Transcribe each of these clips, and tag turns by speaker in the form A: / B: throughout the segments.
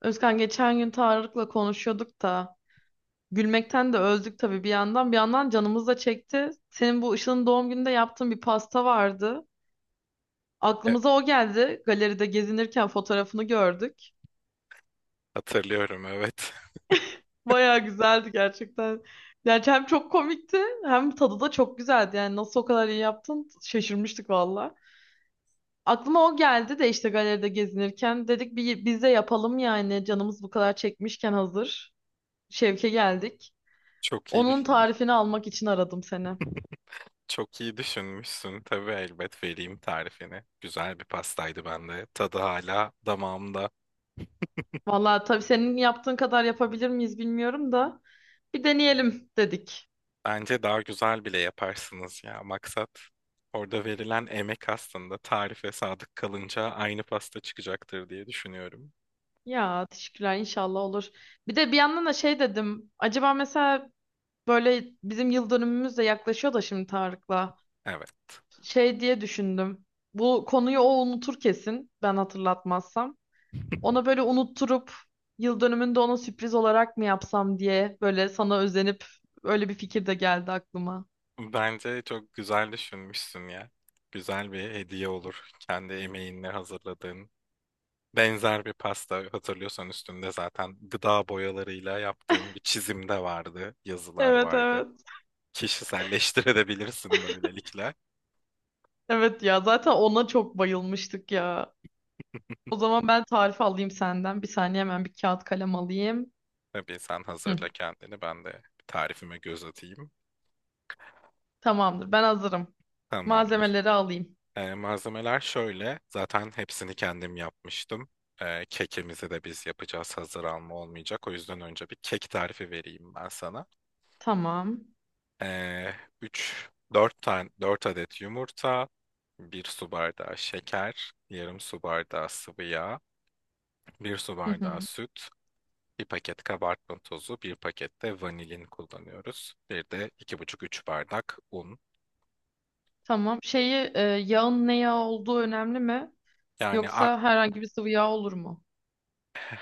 A: Özkan geçen gün Tarık'la konuşuyorduk da gülmekten de öldük tabii bir yandan. Bir yandan canımız da çekti. Senin bu Işıl'ın doğum gününde yaptığın bir pasta vardı.
B: E,
A: Aklımıza o geldi. Galeride gezinirken fotoğrafını gördük.
B: hatırlıyorum evet.
A: Bayağı güzeldi gerçekten. Yani hem çok komikti hem tadı da çok güzeldi. Yani nasıl o kadar iyi yaptın şaşırmıştık valla. Aklıma o geldi de işte galeride gezinirken dedik biz de yapalım yani canımız bu kadar çekmişken hazır. Şevke geldik.
B: Çok iyi
A: Onun
B: düşünmüş.
A: tarifini almak için aradım seni.
B: Çok iyi düşünmüşsün. Tabii elbet vereyim tarifini. Güzel bir pastaydı bende. Tadı hala damağımda.
A: Vallahi tabii senin yaptığın kadar yapabilir miyiz bilmiyorum da bir deneyelim dedik.
B: Bence daha güzel bile yaparsınız ya. Maksat orada verilen emek aslında tarife sadık kalınca aynı pasta çıkacaktır diye düşünüyorum.
A: Ya teşekkürler inşallah olur. Bir de bir yandan da şey dedim. Acaba mesela böyle bizim yıl dönümümüz de yaklaşıyor da şimdi Tarık'la.
B: Evet.
A: Şey diye düşündüm. Bu konuyu o unutur kesin ben hatırlatmazsam. Ona böyle unutturup yıl dönümünde ona sürpriz olarak mı yapsam diye böyle sana özenip öyle bir fikir de geldi aklıma.
B: Bence çok güzel düşünmüşsün ya. Güzel bir hediye olur. Kendi emeğinle hazırladığın. Benzer bir pasta hatırlıyorsan, üstünde zaten gıda boyalarıyla yaptığım bir çizim de vardı, yazılar
A: Evet
B: vardı.
A: evet.
B: Kişiselleştirebilirsin böylelikle.
A: Evet ya zaten ona çok bayılmıştık ya. O zaman ben tarif alayım senden. Bir saniye hemen bir kağıt kalem alayım.
B: Tabii sen hazırla
A: Hı,
B: kendini, ben de tarifime göz atayım.
A: tamamdır ben hazırım.
B: Tamamdır.
A: Malzemeleri alayım.
B: Malzemeler şöyle, zaten hepsini kendim yapmıştım. Kekimizi de biz yapacağız, hazır alma olmayacak. O yüzden önce bir kek tarifi vereyim ben sana.
A: Tamam.
B: Ee, 3 4 tane 4 adet yumurta, 1 su bardağı şeker, yarım su bardağı sıvı yağ, 1 su
A: Hı hı.
B: bardağı süt, 1 paket kabartma tozu, 1 paket de vanilin kullanıyoruz. Bir de iki buçuk 3 bardak un.
A: Tamam. Şeyi yağın ne yağ olduğu önemli mi?
B: Yani
A: Yoksa herhangi bir sıvı yağ olur mu?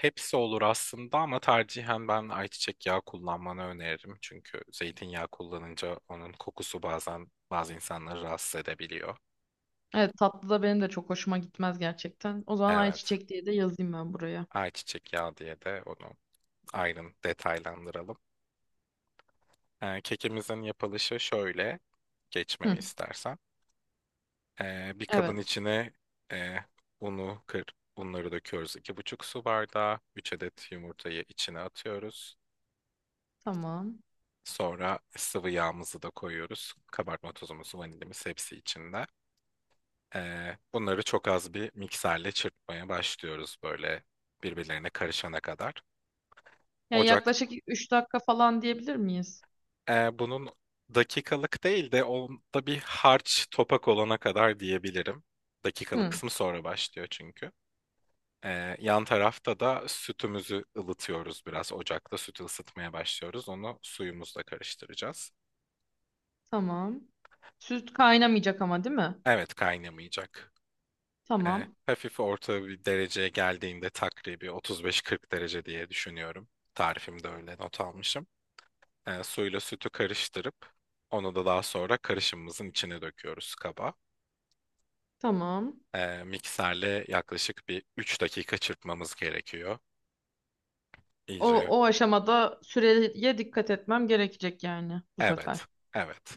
B: hepsi olur aslında ama tercihen ben ayçiçek yağı kullanmanı öneririm. Çünkü zeytinyağı kullanınca onun kokusu bazen bazı insanları rahatsız edebiliyor.
A: Evet tatlı da benim de çok hoşuma gitmez gerçekten. O zaman
B: Evet.
A: ayçiçek diye de yazayım ben buraya.
B: Ayçiçek yağı diye de onu ayrın detaylandıralım. Kekimizin yapılışı şöyle. Geçmemi
A: Hı,
B: istersen. Bir kabın
A: evet
B: içine e, unu kır, unları döküyoruz. 2,5 su bardağı. 3 adet yumurtayı içine atıyoruz.
A: tamam.
B: Sonra sıvı yağımızı da koyuyoruz. Kabartma tozumuz, vanilimiz hepsi içinde. Bunları çok az bir mikserle çırpmaya başlıyoruz böyle birbirlerine karışana kadar.
A: Yani
B: Ocak
A: yaklaşık 3 dakika falan diyebilir miyiz?
B: Bunun dakikalık değil de onda bir harç topak olana kadar diyebilirim. Dakikalık
A: Hı,
B: kısmı sonra başlıyor çünkü. Yan tarafta da sütümüzü ılıtıyoruz biraz. Ocakta sütü ısıtmaya başlıyoruz. Onu suyumuzla karıştıracağız.
A: tamam. Süt kaynamayacak ama değil mi?
B: Evet, kaynamayacak. Ee,
A: Tamam.
B: hafif orta bir dereceye geldiğinde takribi 35-40 derece diye düşünüyorum. Tarifimde öyle not almışım. Suyla sütü karıştırıp onu da daha sonra karışımımızın içine döküyoruz kaba.
A: Tamam.
B: Mikserle yaklaşık bir 3 dakika çırpmamız gerekiyor.
A: O,
B: İyice.
A: o aşamada süreye dikkat etmem gerekecek yani bu
B: Evet.
A: sefer.
B: Evet.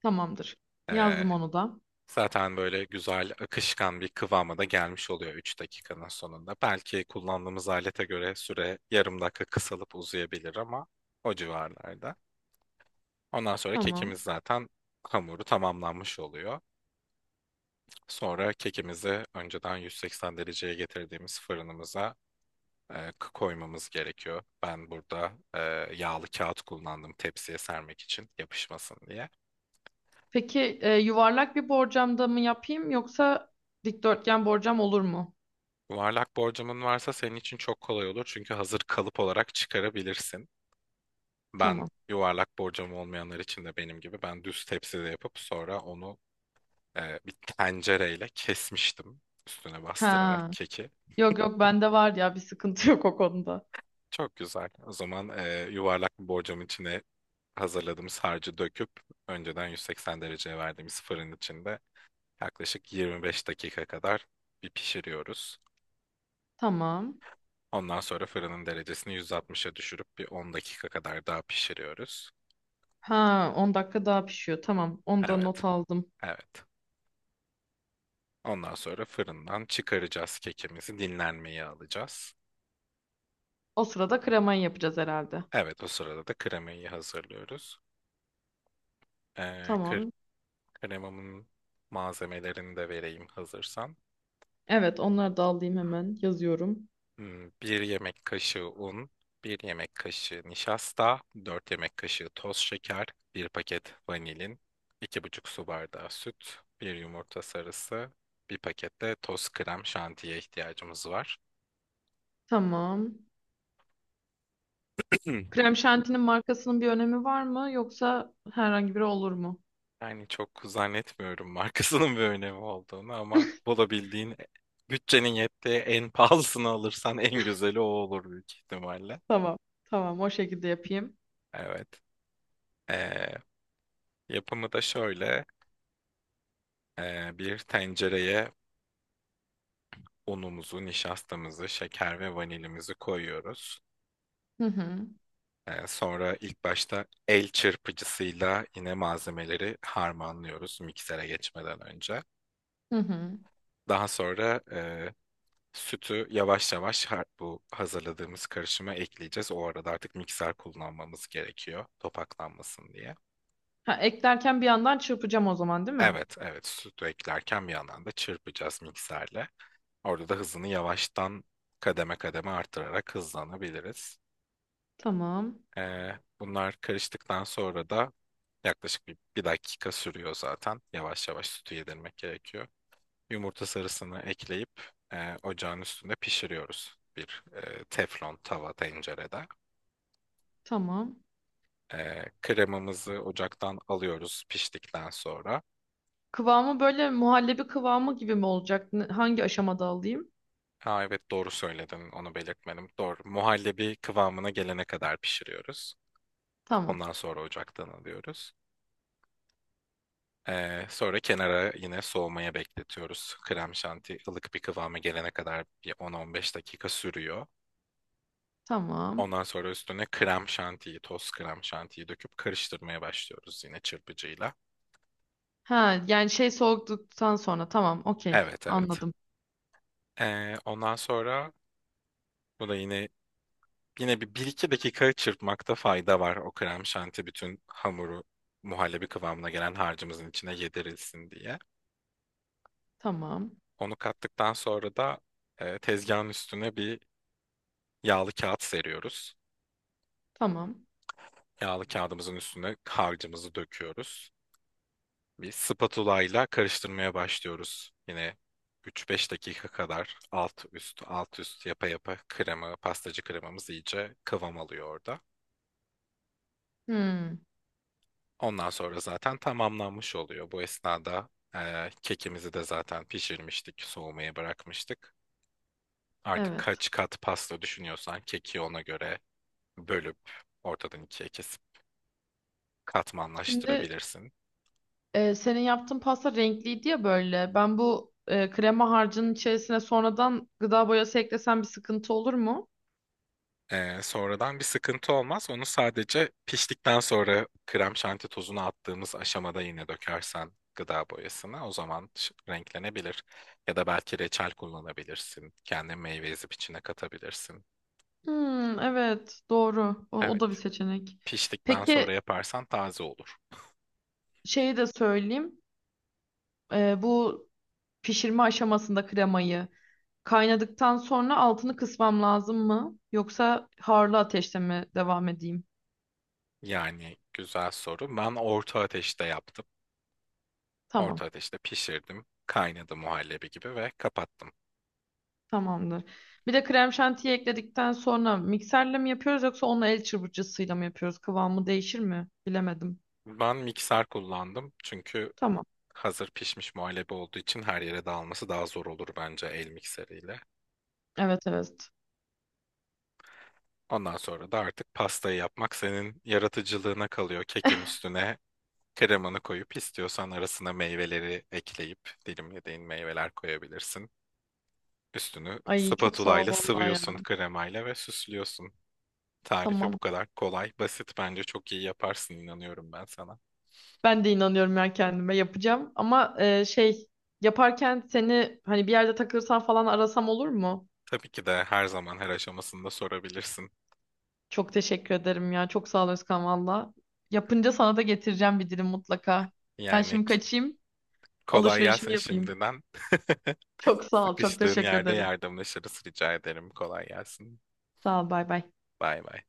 A: Tamamdır.
B: Ee,
A: Yazdım onu da.
B: zaten böyle güzel akışkan bir kıvama da gelmiş oluyor 3 dakikanın sonunda. Belki kullandığımız alete göre süre yarım dakika kısalıp uzayabilir ama o civarlarda. Ondan sonra
A: Tamam.
B: kekimiz zaten hamuru tamamlanmış oluyor. Sonra kekimizi önceden 180 dereceye getirdiğimiz fırınımıza koymamız gerekiyor. Ben burada yağlı kağıt kullandım tepsiye sermek için yapışmasın diye.
A: Peki yuvarlak bir borcamda mı yapayım yoksa dikdörtgen borcam olur mu?
B: Yuvarlak borcamın varsa senin için çok kolay olur çünkü hazır kalıp olarak çıkarabilirsin. Ben
A: Tamam.
B: yuvarlak borcam olmayanlar için de benim gibi ben düz tepside yapıp sonra onu bir tencereyle kesmiştim üstüne
A: Ha.
B: bastırarak keki.
A: Yok yok bende var ya bir sıkıntı yok o konuda.
B: Çok güzel. O zaman yuvarlak bir borcamın içine hazırladığımız harcı döküp önceden 180 dereceye verdiğimiz fırın içinde yaklaşık 25 dakika kadar bir pişiriyoruz.
A: Tamam.
B: Ondan sonra fırının derecesini 160'a düşürüp bir 10 dakika kadar daha pişiriyoruz.
A: Ha 10 dakika daha pişiyor. Tamam. Onu da
B: Evet,
A: not aldım.
B: evet. Ondan sonra fırından çıkaracağız kekimizi, dinlenmeye alacağız.
A: O sırada kremayı yapacağız herhalde.
B: Evet, o sırada da kremayı hazırlıyoruz. Ee, kre-
A: Tamam.
B: kremamın malzemelerini de vereyim hazırsan.
A: Evet onları da alayım hemen. Yazıyorum.
B: Bir yemek kaşığı un, bir yemek kaşığı nişasta, 4 yemek kaşığı toz şeker, bir paket vanilin, 2,5 su bardağı süt, bir yumurta sarısı, bir paket de toz krem şantiye ihtiyacımız var.
A: Tamam. Krem şantinin markasının bir önemi var mı yoksa herhangi biri olur mu?
B: Yani çok zannetmiyorum markasının bir önemi olduğunu ama bulabildiğin bütçenin yettiği en pahalısını alırsan en güzeli o olur büyük ihtimalle.
A: Tamam. Tamam o şekilde yapayım.
B: Evet. Ee, yapımı da şöyle. Bir tencereye unumuzu, nişastamızı, şeker ve vanilimizi koyuyoruz.
A: Hı hı.
B: Sonra ilk başta el çırpıcısıyla yine malzemeleri harmanlıyoruz miksere geçmeden önce.
A: Hı hı.
B: Daha sonra sütü yavaş yavaş bu hazırladığımız karışıma ekleyeceğiz. O arada artık mikser kullanmamız gerekiyor topaklanmasın diye.
A: Ha, eklerken bir yandan çırpacağım o zaman değil mi?
B: Evet, evet, sütü eklerken bir yandan da çırpacağız mikserle. Orada da hızını yavaştan kademe kademe arttırarak hızlanabiliriz.
A: Tamam.
B: Bunlar karıştıktan sonra da yaklaşık bir dakika sürüyor zaten. Yavaş yavaş sütü yedirmek gerekiyor. Yumurta sarısını ekleyip ocağın üstünde pişiriyoruz. Bir teflon tava tencerede.
A: Tamam.
B: Kremamızı ocaktan alıyoruz piştikten sonra.
A: Kıvamı böyle muhallebi kıvamı gibi mi olacak? Hangi aşamada alayım?
B: Ha, evet, doğru söyledin, onu belirtmedim. Doğru. Muhallebi kıvamına gelene kadar pişiriyoruz.
A: Tamam.
B: Ondan sonra ocaktan alıyoruz. Sonra kenara yine soğumaya bekletiyoruz. Krem şanti ılık bir kıvama gelene kadar bir 10-15 dakika sürüyor.
A: Tamam.
B: Ondan sonra üstüne krem şantiyi, toz krem şantiyi döküp karıştırmaya başlıyoruz yine çırpıcıyla.
A: Ha yani şey soğuduktan sonra tamam okey
B: Evet, evet.
A: anladım.
B: Ondan sonra bu da yine bir iki dakika çırpmakta fayda var. O krem şanti bütün hamuru muhallebi kıvamına gelen harcımızın içine yedirilsin diye.
A: Tamam.
B: Onu kattıktan sonra da tezgahın üstüne bir yağlı kağıt seriyoruz.
A: Tamam.
B: Yağlı kağıdımızın üstüne harcımızı döküyoruz. Bir spatula ile karıştırmaya başlıyoruz. Yine 3-5 dakika kadar alt üst alt üst yapa yapa krema, pastacı kremamız iyice kıvam alıyor orada.
A: Hmm,
B: Ondan sonra zaten tamamlanmış oluyor. Bu esnada kekimizi de zaten pişirmiştik, soğumaya bırakmıştık. Artık
A: evet.
B: kaç kat pasta düşünüyorsan keki ona göre bölüp ortadan ikiye kesip
A: Şimdi
B: katmanlaştırabilirsin.
A: Senin yaptığın pasta renkliydi ya böyle. Ben bu krema harcının içerisine sonradan gıda boyası eklesem bir sıkıntı olur mu?
B: Sonradan bir sıkıntı olmaz. Onu sadece piştikten sonra krem şanti tozunu attığımız aşamada yine dökersen gıda boyasına o zaman renklenebilir. Ya da belki reçel kullanabilirsin. Kendi meyve ezip içine katabilirsin.
A: Hmm, evet doğru. O
B: Evet.
A: da bir seçenek.
B: Piştikten
A: Peki
B: sonra yaparsan taze olur.
A: şeyi de söyleyeyim. Bu pişirme aşamasında kremayı kaynadıktan sonra altını kısmam lazım mı? Yoksa harlı ateşte mi devam edeyim?
B: Yani güzel soru. Ben orta ateşte yaptım.
A: Tamam.
B: Orta ateşte pişirdim. Kaynadı muhallebi gibi ve kapattım.
A: Tamamdır. Bir de krem şantiyi ekledikten sonra mikserle mi yapıyoruz yoksa onu el çırpıcısıyla mı yapıyoruz? Kıvamı değişir mi? Bilemedim.
B: Ben mikser kullandım çünkü
A: Tamam.
B: hazır pişmiş muhallebi olduğu için her yere dağılması daha zor olur bence el mikseriyle.
A: Evet evet.
B: Ondan sonra da artık pastayı yapmak senin yaratıcılığına kalıyor. Kekin üstüne kremanı koyup istiyorsan arasına meyveleri ekleyip dilimlediğin meyveler koyabilirsin. Üstünü
A: Ay çok sağ ol
B: spatulayla
A: vallahi ya.
B: sıvıyorsun kremayla ve süslüyorsun. Tarifi bu
A: Tamam.
B: kadar kolay, basit bence çok iyi yaparsın inanıyorum ben sana.
A: Ben de inanıyorum ya kendime yapacağım. Ama şey yaparken seni hani bir yerde takılırsan falan arasam olur mu?
B: Tabii ki de her zaman her aşamasında sorabilirsin.
A: Çok teşekkür ederim ya. Çok sağ ol Özkan valla. Yapınca sana da getireceğim bir dilim mutlaka. Ben
B: Yani
A: şimdi kaçayım.
B: kolay
A: Alışverişimi
B: gelsin
A: yapayım.
B: şimdiden.
A: Çok sağ ol. Çok
B: Sıkıştığın
A: teşekkür
B: yerde
A: ederim.
B: yardımlaşırız rica ederim. Kolay gelsin.
A: Sağ ol. Bay bay.
B: Bay bay.